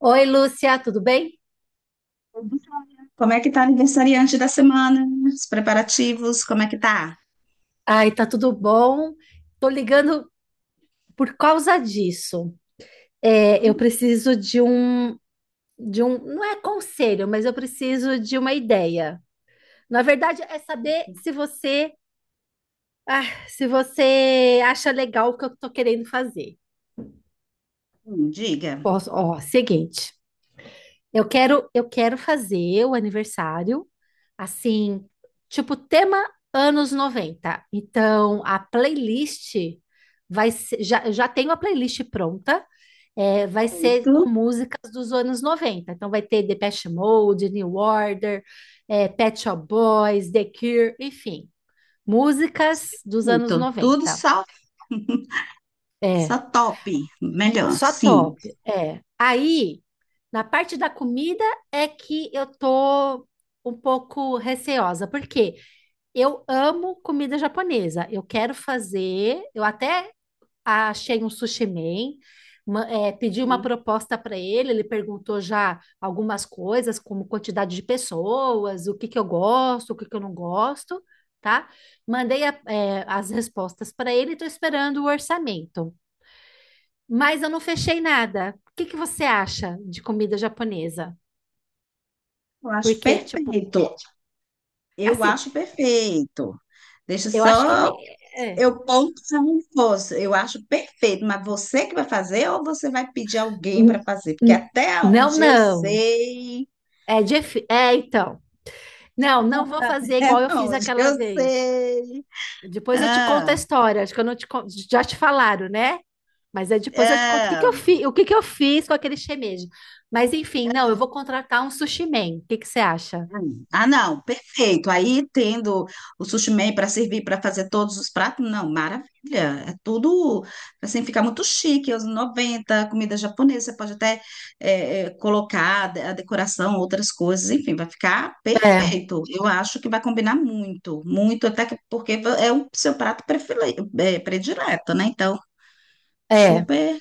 Oi, Lúcia, tudo bem? Como é que tá a aniversariante da semana? Os preparativos, como é que tá? Ai, tá tudo bom. Tô ligando por causa disso. É, eu Hum, preciso de um, não é conselho, mas eu preciso de uma ideia. Na verdade, é saber se você, ah, se você acha legal o que eu tô querendo fazer. Diga. Posso, ó, seguinte. Eu quero fazer o aniversário assim, tipo tema anos 90. Então, a playlist eu já tenho a playlist pronta, vai ser Certo. com músicas dos anos 90. Então, vai ter Depeche Mode, New Order, Pet Shop Boys, The Cure, enfim, músicas dos anos Perfeito. Tudo 90. só É, top. Melhor, só sim. top. É. Aí. Na parte da comida é que eu tô um pouco receosa, porque eu amo comida japonesa. Eu quero fazer, eu até achei um sushi man, pedi uma Hum, proposta para ele, ele perguntou já algumas coisas, como quantidade de pessoas, o que que eu gosto, o que que eu não gosto, tá? Mandei as respostas para ele, e estou esperando o orçamento. Mas eu não fechei nada. O que que você acha de comida japonesa? Eu acho Porque, tipo, perfeito. Eu assim, acho perfeito. Deixa eu acho que. Só É. eu pontuar um fosse. Eu acho perfeito, mas você que vai fazer ou você vai pedir alguém para N- fazer? Porque n- até Não, onde eu não. sei, É, então. Não, não vou fazer até igual eu fiz onde aquela eu vez. sei. Depois eu te conto a Ah, história. Acho que eu não te con- já te falaram, né? Mas depois eu te conto ah. O que que eu fiz com aquele shimeji. Mas enfim, não, eu vou contratar um sushi man. O que que você acha? Hum. Ah, não, perfeito. Aí tendo o sushi man para servir para fazer todos os pratos, não, maravilha. É tudo assim, fica muito chique. Os 90 comida japonesa, você pode até colocar a decoração, outras coisas, enfim, vai ficar É, perfeito. Eu acho que vai combinar muito, muito, porque é o seu prato predileto, né? Então, é. super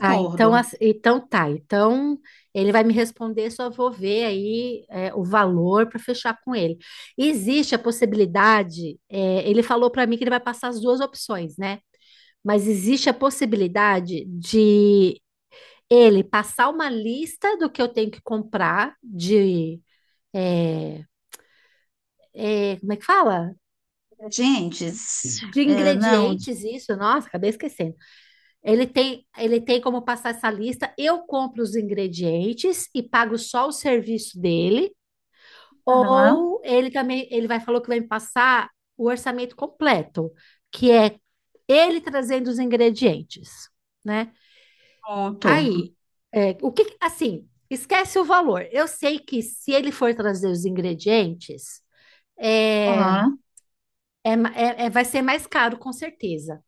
Ah, então, então tá. Então ele vai me responder, só vou ver aí o valor para fechar com ele. Existe a possibilidade, ele falou para mim que ele vai passar as duas opções, né? Mas existe a possibilidade de ele passar uma lista do que eu tenho que comprar de, é, como é que fala? Gente, De não, ingredientes, isso, nossa, acabei esquecendo. Ele tem como passar essa lista. Eu compro os ingredientes e pago só o serviço dele, aham, ou ele também, ele vai falou que vai me passar o orçamento completo, que é ele trazendo os ingredientes, né? pronto. Aí, o que, assim, esquece o valor. Eu sei que se ele for trazer os ingredientes, é, Aham. Vai ser mais caro, com certeza.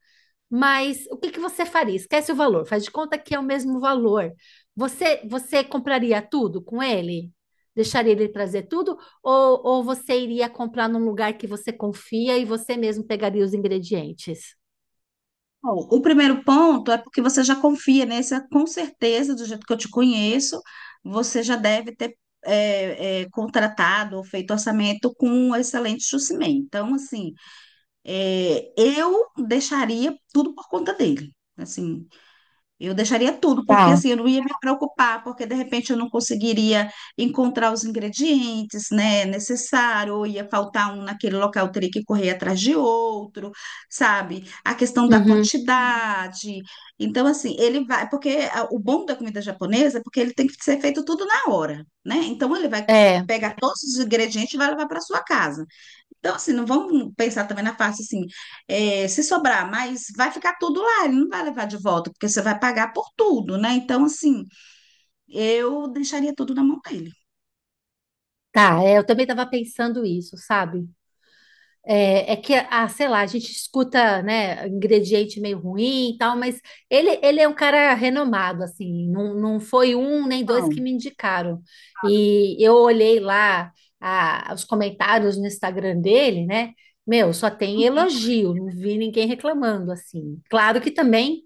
Mas o que que você faria? Esquece o valor, faz de conta que é o mesmo valor. Você compraria tudo com ele? Deixaria ele trazer tudo? Ou você iria comprar num lugar que você confia e você mesmo pegaria os ingredientes? Bom, o primeiro ponto é porque você já confia, né? Você, com certeza, do jeito que eu te conheço, você já deve ter contratado ou feito orçamento com um excelente Jucimei. Então, assim, eu deixaria tudo por conta dele. Assim, eu deixaria tudo, porque Tá. assim, eu não ia me preocupar, porque de repente eu não conseguiria encontrar os ingredientes, né, necessário, ou ia faltar um naquele local, eu teria que correr atrás de outro, sabe? A questão da Uhum. quantidade. Então, assim, ele vai, porque o bom da comida japonesa é porque ele tem que ser feito tudo na hora, né? Então, ele vai É. pegar todos os ingredientes e vai levar para sua casa. Então, assim, não vamos pensar também na parte assim, se sobrar, mas vai ficar tudo lá, ele não vai levar de volta, porque você vai pagar por tudo, né? Então, assim, eu deixaria tudo na mão dele. Tá, eu também estava pensando isso, sabe? É que, sei lá, a gente escuta, né, ingrediente meio ruim e tal, mas ele é um cara renomado, assim, não, não foi um nem dois que Não. me indicaram. E eu olhei lá os comentários no Instagram dele, né, meu, só tem elogio, não vi ninguém reclamando, assim. Claro que também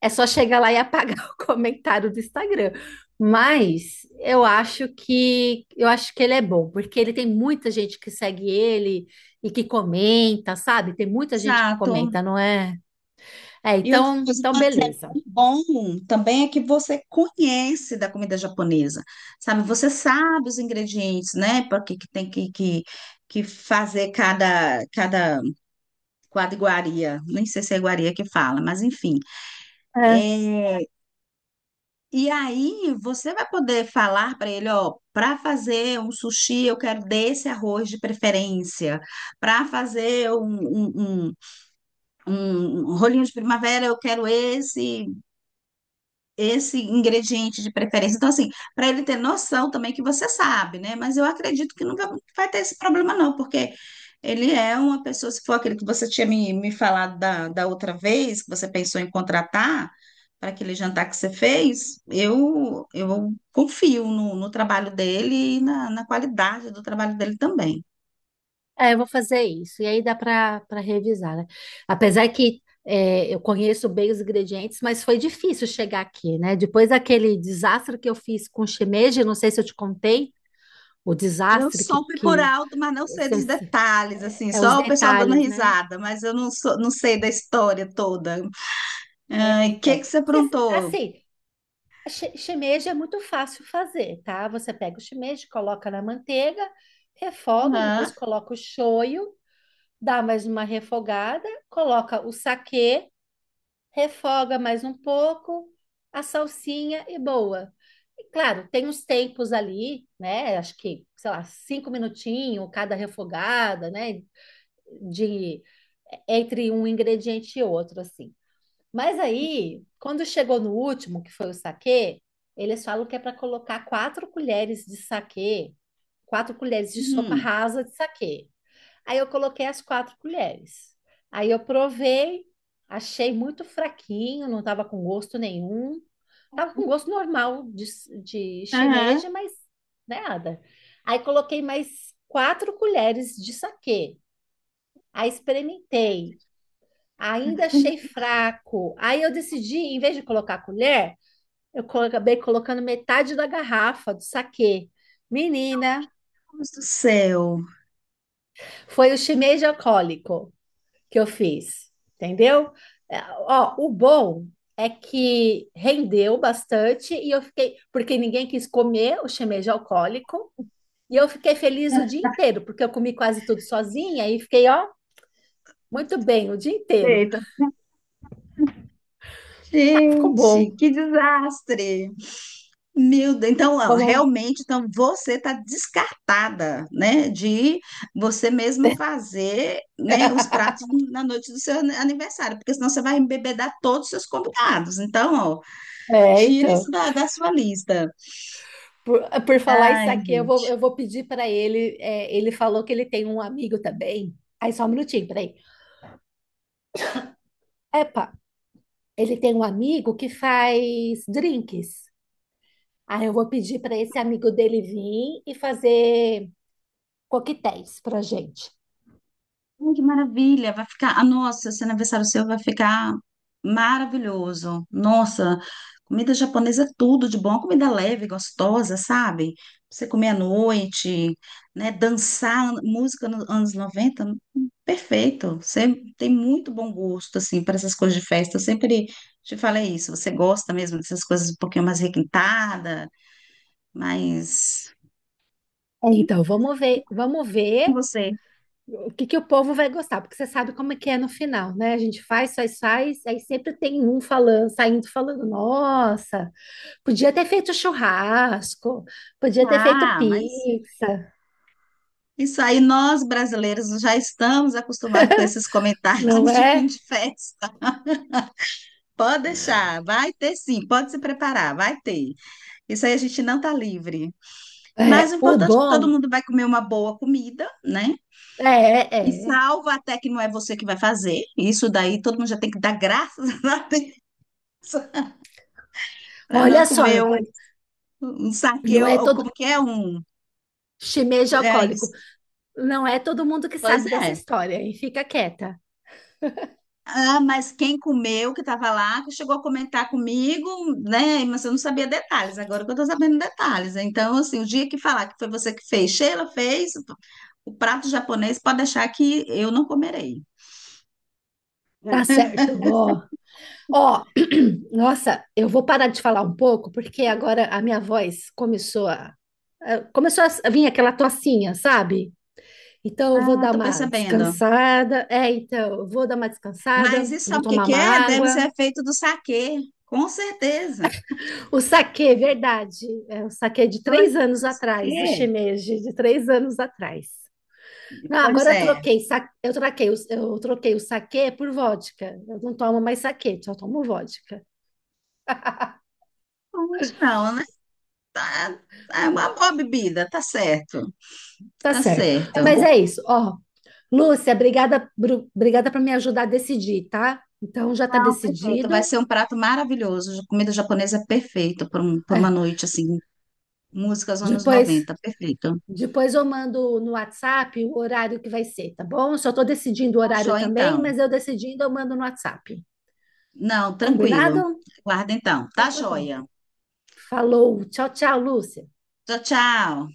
é só chegar lá e apagar o comentário do Instagram, mas eu acho que ele é bom, porque ele tem muita gente que segue ele, e que comenta, sabe? Tem muita gente que Exato. comenta, não é? É, E outra então, coisa, então por exemplo, beleza. o bom um também é que você conhece da comida japonesa, sabe? Você sabe os ingredientes, né? Porque que tem que, que fazer cada, quadriguaria. Nem sei se é iguaria que fala, mas enfim. É, E aí você vai poder falar para ele, ó, para fazer um sushi eu quero desse arroz de preferência, para fazer um, um, um, um rolinho de primavera eu quero esse, ingrediente de preferência. Então, assim, para ele ter noção também que você sabe, né? Mas eu acredito que nunca vai ter esse problema, não, porque ele é uma pessoa, se for aquele que você tinha me, falado da outra vez, que você pensou em contratar para aquele jantar que você fez, eu, confio no trabalho dele e na qualidade do trabalho dele também. é, eu vou fazer isso. E aí dá para revisar, né? Apesar que eu conheço bem os ingredientes, mas foi difícil chegar aqui, né? Depois daquele desastre que eu fiz com shimeji, não sei se eu te contei, o Eu desastre soube por que alto, mas não sei se- dos se- detalhes, assim, é, é os só o pessoal dando detalhes, né? risada, mas eu não sou, não sei da história toda. Ai, o que Então, que você aprontou? assim, Shimeji é muito fácil fazer, tá? Você pega o shimeji, coloca na manteiga, refoga, depois Aham, coloca o shoyu, dá mais uma refogada, coloca o saquê, refoga mais um pouco, a salsinha e boa. E claro, tem os tempos ali, né? Acho que, sei lá, 5 minutinhos cada refogada, né? De entre um ingrediente e outro, assim. Mas aí, quando chegou no último, que foi o saquê, eles falam que é para colocar 4 colheres de saquê, 4 colheres de sopa uhum, rasa de saquê. Aí eu coloquei as 4 colheres. Aí eu provei, achei muito fraquinho, não estava com gosto nenhum. Estava com gosto normal de, aham. shimeji, mas nada. Aí coloquei mais 4 colheres de saquê. Aí experimentei ainda achei fraco. Aí eu decidi, em vez de colocar a colher, acabei colocando metade da garrafa do saquê. Menina, Deus do céu. foi o shimeji alcoólico que eu fiz, entendeu? É, Ó, o bom é que rendeu bastante e eu fiquei, porque ninguém quis comer o shimeji alcoólico, e eu fiquei feliz o dia inteiro, porque eu comi quase tudo sozinha e fiquei, ó, muito bem o dia inteiro. Eita. Ah, ficou Gente, bom, que desastre. Meu Deus, então, ó, ficou bom. realmente, então você está descartada, né, de você mesma fazer, né, os pratos na noite do seu aniversário, porque senão você vai embebedar todos os seus convidados. Então, ó, É, tira isso então. da sua lista. Por, por falar isso Ai, aqui eu vou, eu gente. vou pedir para ele. Ele falou que ele tem um amigo também. Aí, só um minutinho, peraí. Epa, ele tem um amigo que faz drinks. Aí, eu vou pedir para esse amigo dele vir e fazer coquetéis para gente. Ai, que maravilha! Vai ficar. Ah, nossa, esse aniversário seu vai ficar maravilhoso. Nossa, comida japonesa é tudo de bom, comida leve, gostosa, sabe? Pra você comer à noite, né? Dançar música nos anos 90, perfeito. Você tem muito bom gosto, assim, para essas coisas de festa. Eu sempre te falei isso. Você gosta mesmo dessas coisas um pouquinho mais requintada, mas Então, vamos ver, vamos com ver você. o que que o povo vai gostar, porque você sabe como é que é no final, né? A gente faz, faz, faz, aí sempre tem um falando, saindo falando, nossa, podia ter feito churrasco, podia ter feito Ah, mas pizza, isso aí, nós brasileiros já estamos acostumados com esses não comentários de fim é? de festa. Pode deixar, vai ter sim, pode se preparar, vai ter. Isso aí a gente não tá livre. Mas É, o o importante é que todo bom mundo vai comer uma boa comida, né? é, E é. salvo até que não é você que vai fazer. Isso daí todo mundo já tem que dar graças a Deus para não Olha só, comer um, saque, não ou é ou todo como que é um. shimeji É alcoólico, isso. não é todo mundo que Pois sabe dessa é. história, e fica quieta. Ah, mas quem comeu, que estava lá, que chegou a comentar comigo, né? Mas eu não sabia detalhes, agora que eu estou sabendo detalhes. Então, assim, o dia que falar que foi você que fez, Sheila fez, o prato japonês, pode deixar que eu não comerei. Tá certo, ó. Ó, nossa, eu vou parar de falar um pouco, porque agora a minha voz começou a vir aquela tocinha, sabe? Então eu vou Ah, dar tô uma percebendo. descansada. Então, eu vou dar uma descansada, Mas isso vou sabe o que tomar que uma é? Deve água. ser feito do saquê, com certeza. O saquê, verdade. É o saquê de Então, é 3 feito anos do atrás, do saquê. shimeji, de 3 anos atrás. Não, Pois agora eu é. troquei, sa- eu troquei, o- eu troquei o saquê por vodka. Eu não tomo mais saquê, só tomo vodka. Hoje não, né? Tá, é uma boa bebida, tá certo. Tá Tá certo. certo. Mas é isso, ó. Lúcia, obrigada, obrigada por me ajudar a decidir, tá? Então já está Não, perfeito. Vai decidido. ser um prato maravilhoso. Comida japonesa é perfeita por, por uma É, noite, assim. Músicas anos depois, noventa, perfeito. depois eu mando no WhatsApp o horário que vai ser, tá bom? Só estou decidindo o Tá horário joia, também, então. mas eu decidindo eu mando no WhatsApp. Não, tranquilo. Combinado? Guarda, então. Então Tá tá bom. joia. Falou. Tchau, tchau, Lúcia. Tchau, tchau.